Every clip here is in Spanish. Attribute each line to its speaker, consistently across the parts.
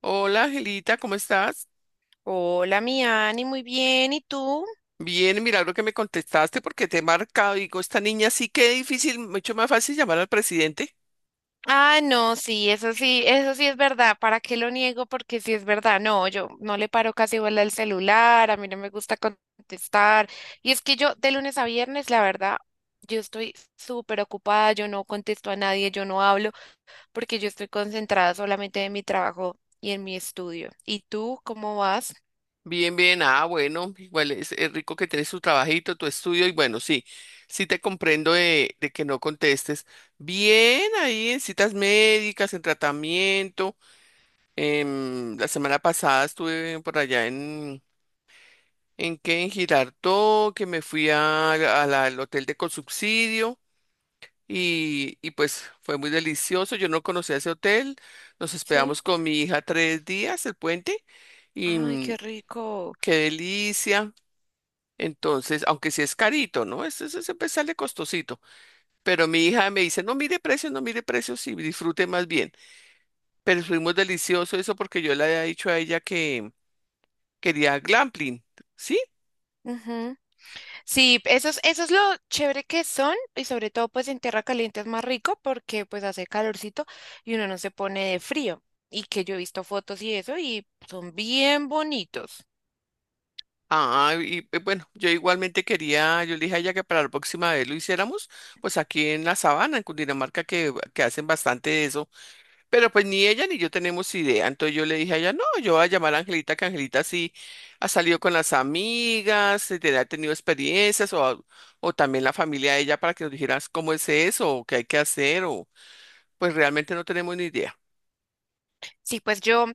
Speaker 1: Hola, Angelita, ¿cómo estás?
Speaker 2: Hola, mi Ani, muy bien. ¿Y tú?
Speaker 1: Bien, milagro que me contestaste porque te he marcado. Digo, esta niña sí que es difícil, mucho más fácil llamar al presidente.
Speaker 2: Ah, no, sí, eso sí, eso sí es verdad. ¿Para qué lo niego? Porque sí es verdad. No, yo no le paro casi bola al celular, a mí no me gusta contestar. Y es que yo de lunes a viernes, la verdad, yo estoy súper ocupada, yo no contesto a nadie, yo no hablo, porque yo estoy concentrada solamente en mi trabajo y en mi estudio. ¿Y tú cómo vas?
Speaker 1: Bien, bien, ah, bueno, igual es rico que tienes tu trabajito, tu estudio, y bueno, sí, sí te comprendo de que no contestes. Bien, ahí en citas médicas, en tratamiento. La semana pasada estuve por allá ¿en qué? En Girardot, que me fui a, al hotel de consubsidio y pues fue muy delicioso. Yo no conocía ese hotel, nos
Speaker 2: Sí.
Speaker 1: esperamos con mi hija tres días, el puente, y
Speaker 2: Ay, qué rico.
Speaker 1: qué delicia. Entonces, aunque sí es carito, ¿no? Este es, siempre sale costosito. Pero mi hija me dice, no mire precios, no mire precios y disfrute más bien. Pero fuimos delicioso eso porque yo le había dicho a ella que quería glampling, ¿sí?
Speaker 2: Sí, eso es lo chévere que son, y sobre todo pues en tierra caliente es más rico porque pues hace calorcito y uno no se pone de frío, y que yo he visto fotos y eso y son bien bonitos.
Speaker 1: Ah, y bueno, yo igualmente quería, yo le dije a ella que para la próxima vez lo hiciéramos, pues aquí en la sabana, en Cundinamarca, que hacen bastante eso. Pero pues ni ella ni yo tenemos idea. Entonces yo le dije a ella, no, yo voy a llamar a Angelita, que Angelita sí ha salido con las amigas, ha tenido experiencias, o también la familia de ella para que nos dijeras cómo es eso, o qué hay que hacer, o pues realmente no tenemos ni idea.
Speaker 2: Sí, pues yo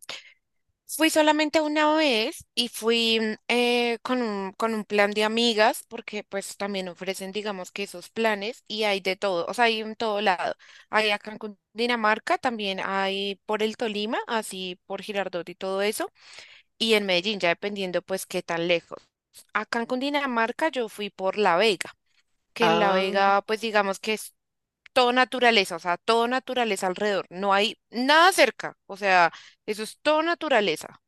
Speaker 2: fui solamente una vez y fui con un plan de amigas, porque pues también ofrecen digamos que esos planes y hay de todo, o sea, hay en todo lado. Hay acá en Dinamarca, también hay por el Tolima, así por Girardot y todo eso. Y en Medellín, ya dependiendo pues qué tan lejos. Acá en Cundinamarca yo fui por La Vega, que en La
Speaker 1: Ah,
Speaker 2: Vega pues digamos que es todo naturaleza, o sea, todo naturaleza alrededor, no hay nada cerca, o sea, eso es todo naturaleza.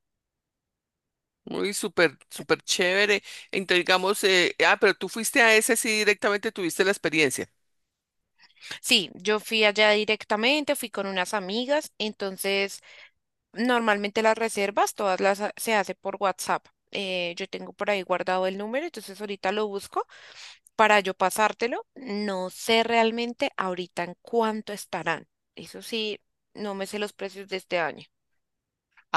Speaker 1: muy súper, súper chévere. Entonces digamos, pero tú fuiste a ese, sí directamente tuviste la experiencia.
Speaker 2: Sí, yo fui allá directamente, fui con unas amigas, entonces normalmente las reservas todas se hace por WhatsApp. Yo tengo por ahí guardado el número, entonces ahorita lo busco para yo pasártelo. No sé realmente ahorita en cuánto estarán. Eso sí, no me sé los precios de este año.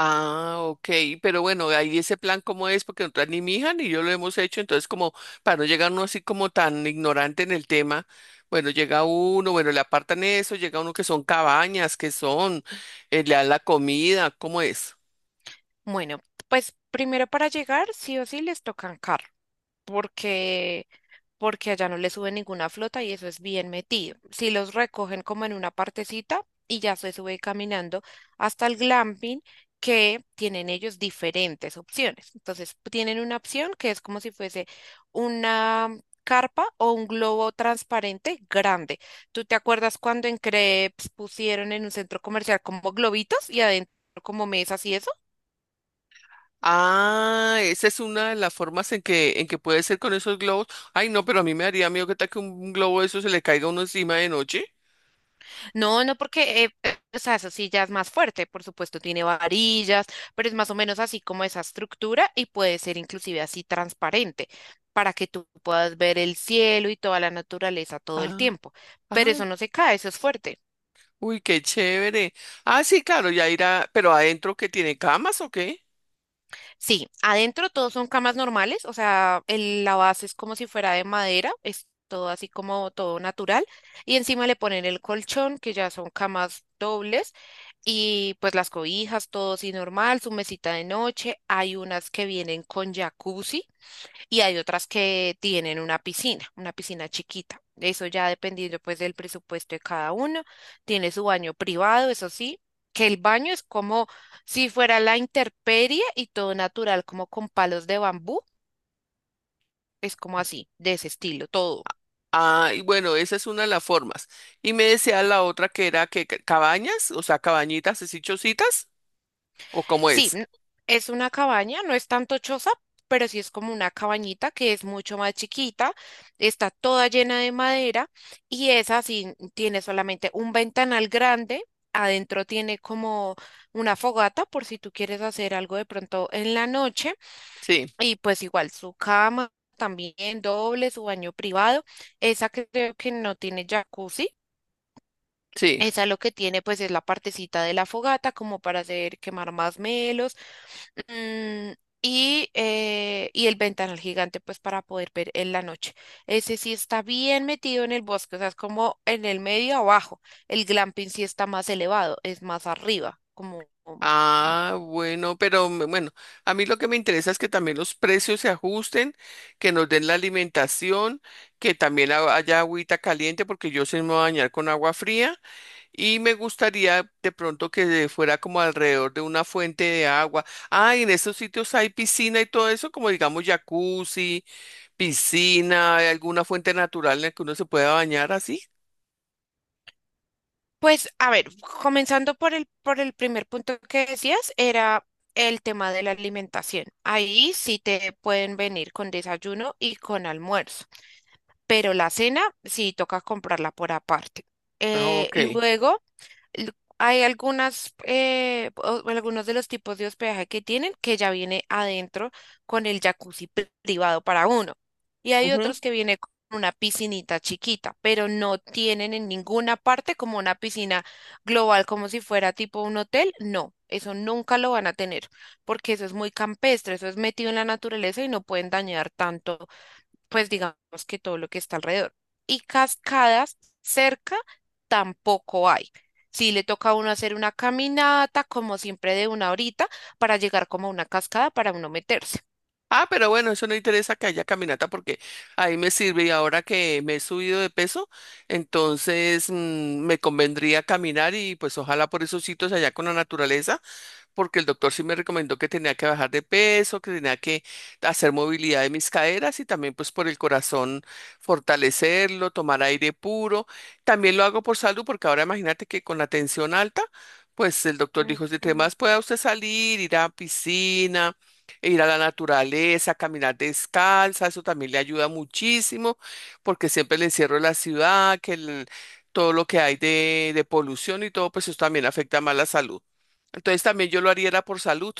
Speaker 1: Ah, ok, pero bueno, ahí ese plan cómo es, porque nosotras ni mi hija ni yo lo hemos hecho, entonces como para no llegar uno así como tan ignorante en el tema, bueno, llega uno, bueno, le apartan eso, llega uno que son cabañas, que son, le dan la comida, ¿cómo es?
Speaker 2: Bueno, pues primero para llegar, sí o sí les tocan carro, porque porque allá no le sube ninguna flota y eso es bien metido. Si los recogen como en una partecita y ya se sube caminando hasta el glamping, que tienen ellos diferentes opciones. Entonces, tienen una opción que es como si fuese una carpa o un globo transparente grande. ¿Tú te acuerdas cuando en Crepes pusieron en un centro comercial como globitos y adentro como mesas y eso?
Speaker 1: Ah, esa es una de las formas en que puede ser con esos globos. Ay, no, pero a mí me daría miedo que tal que un globo de eso se le caiga a uno encima de noche.
Speaker 2: No, no, porque, o sea, eso sí ya es más fuerte, por supuesto, tiene varillas, pero es más o menos así como esa estructura, y puede ser inclusive así transparente para que tú puedas ver el cielo y toda la naturaleza todo el
Speaker 1: Ah,
Speaker 2: tiempo. Pero eso
Speaker 1: ay,
Speaker 2: no se cae, eso es fuerte.
Speaker 1: uy, qué chévere. Ah, sí, claro, ya irá, pero adentro ¿que tiene camas o qué?
Speaker 2: Sí, adentro todos son camas normales, o sea, la base es como si fuera de madera, es todo así como todo natural, y encima le ponen el colchón, que ya son camas dobles. Y pues las cobijas, todo así normal, su mesita de noche. Hay unas que vienen con jacuzzi y hay otras que tienen una piscina chiquita. Eso ya dependiendo pues del presupuesto de cada uno. Tiene su baño privado, eso sí, que el baño es como si fuera la intemperie y todo natural, como con palos de bambú. Es como así, de ese estilo, todo.
Speaker 1: Ah, y bueno, esa es una de las formas. Y me decía la otra que era que cabañas, o sea, cabañitas, así chocitas, o cómo
Speaker 2: Sí,
Speaker 1: es.
Speaker 2: es una cabaña, no es tanto choza, pero sí es como una cabañita que es mucho más chiquita, está toda llena de madera, y esa sí tiene solamente un ventanal grande, adentro tiene como una fogata por si tú quieres hacer algo de pronto en la noche,
Speaker 1: Sí,
Speaker 2: y pues igual su cama también doble, su baño privado, esa creo que no tiene jacuzzi.
Speaker 1: sí.
Speaker 2: Esa lo que tiene pues es la partecita de la fogata como para hacer quemar más. Mm, y el ventanal gigante, pues para poder ver en la noche. Ese sí está bien metido en el bosque, o sea, es como en el medio abajo. El glamping sí está más elevado, es más arriba, como... mm,
Speaker 1: Ah, bueno, bueno, a mí lo que me interesa es que también los precios se ajusten, que nos den la alimentación, que también haya agüita caliente, porque yo sí me voy a bañar con agua fría, y me gustaría de pronto que fuera como alrededor de una fuente de agua. Ah, y en esos sitios hay piscina y todo eso, como digamos jacuzzi, piscina, hay alguna fuente natural en la que uno se pueda bañar así.
Speaker 2: Pues, a ver, comenzando por el primer punto que decías, era el tema de la alimentación. Ahí sí te pueden venir con desayuno y con almuerzo, pero la cena sí toca comprarla por aparte.
Speaker 1: Ah,
Speaker 2: Eh,
Speaker 1: ok.
Speaker 2: luego l- Hay algunas, o algunos de los tipos de hospedaje que tienen que ya viene adentro con el jacuzzi privado para uno. Y hay
Speaker 1: Ujú.
Speaker 2: otros que viene con una piscinita chiquita, pero no tienen en ninguna parte como una piscina global, como si fuera tipo un hotel. No, eso nunca lo van a tener, porque eso es muy campestre, eso es metido en la naturaleza y no pueden dañar tanto pues digamos que todo lo que está alrededor. Y cascadas cerca tampoco hay. Sí le toca a uno hacer una caminata, como siempre, de una horita para llegar como a una cascada para uno meterse.
Speaker 1: Ah, pero bueno, eso no interesa que haya caminata porque ahí me sirve y ahora que me he subido de peso, entonces me convendría caminar y pues ojalá por esos sitios allá con la naturaleza porque el doctor sí me recomendó que tenía que bajar de peso, que tenía que hacer movilidad de mis caderas y también pues por el corazón fortalecerlo, tomar aire puro. También lo hago por salud porque ahora imagínate que con la tensión alta, pues el doctor dijo, si
Speaker 2: Mm.
Speaker 1: más pueda usted salir, ir a piscina, e ir a la naturaleza, caminar descalza, eso también le ayuda muchísimo porque siempre el encierro de la ciudad, todo lo que hay de polución y todo, pues eso también afecta más la salud. Entonces también yo lo haría era por salud.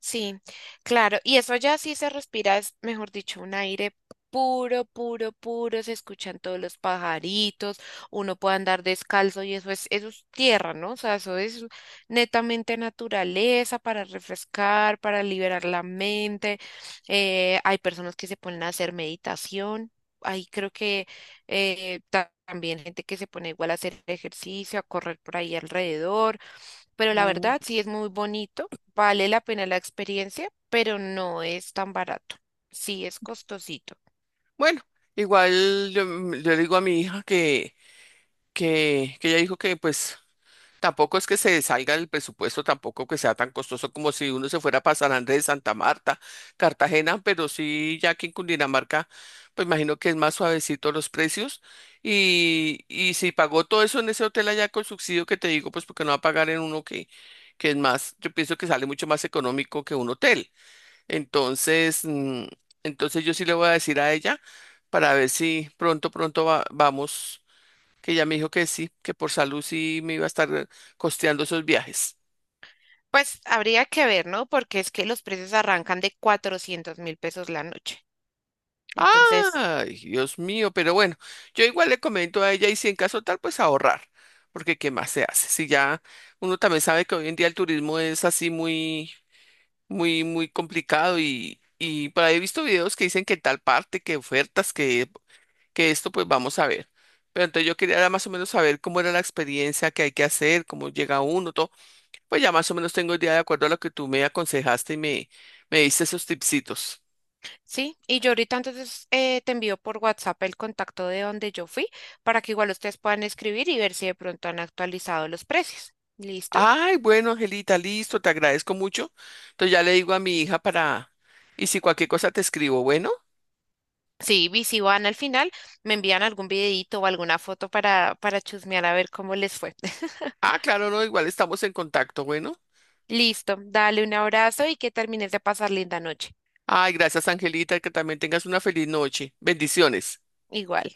Speaker 2: Sí, claro. Y eso ya sí se respira, es mejor dicho, un aire puro, puro, puro. Se escuchan todos los pajaritos, uno puede andar descalzo y eso es tierra, ¿no? O sea, eso es netamente naturaleza para refrescar, para liberar la mente. Hay personas que se ponen a hacer meditación. Ahí creo que también gente que se pone igual a hacer ejercicio, a correr por ahí alrededor. Pero la
Speaker 1: Mm.
Speaker 2: verdad sí es muy bonito. Vale la pena la experiencia, pero no es tan barato. Sí es costosito.
Speaker 1: Bueno, igual yo, yo le digo a mi hija que ella dijo que pues tampoco es que se salga del presupuesto, tampoco que sea tan costoso como si uno se fuera para San Andrés, Santa Marta, Cartagena, pero sí ya aquí en Cundinamarca, pues imagino que es más suavecito los precios. Y si pagó todo eso en ese hotel allá con subsidio que te digo, pues porque no va a pagar en uno que es más, yo pienso que sale mucho más económico que un hotel. Entonces, entonces yo sí le voy a decir a ella para ver si pronto, vamos, que ella me dijo que sí, que por salud sí me iba a estar costeando esos viajes.
Speaker 2: Pues habría que ver, ¿no? Porque es que los precios arrancan de 400.000 pesos la noche. Entonces,
Speaker 1: Ay, Dios mío, pero bueno, yo igual le comento a ella y si en caso tal, pues ahorrar, porque ¿qué más se hace? Si ya uno también sabe que hoy en día el turismo es así muy, muy, muy complicado y por ahí he visto videos que dicen que en tal parte, que ofertas, que esto pues vamos a ver. Pero entonces yo quería más o menos saber cómo era la experiencia, que hay que hacer, cómo llega uno, todo. Pues ya más o menos tengo idea de acuerdo a lo que tú me aconsejaste y me diste esos tipsitos.
Speaker 2: sí, y yo ahorita entonces te envío por WhatsApp el contacto de donde yo fui para que igual ustedes puedan escribir y ver si de pronto han actualizado los precios. ¿Listo?
Speaker 1: Ay, bueno, Angelita, listo, te agradezco mucho. Entonces ya le digo a mi hija para... Y si cualquier cosa te escribo, bueno.
Speaker 2: Sí, y si van al final, me envían algún videito o alguna foto para chusmear a ver cómo les fue.
Speaker 1: Ah, claro, no, igual estamos en contacto, bueno.
Speaker 2: Listo, dale un abrazo y que termines de pasar linda noche.
Speaker 1: Ay, gracias, Angelita, que también tengas una feliz noche. Bendiciones.
Speaker 2: Igual.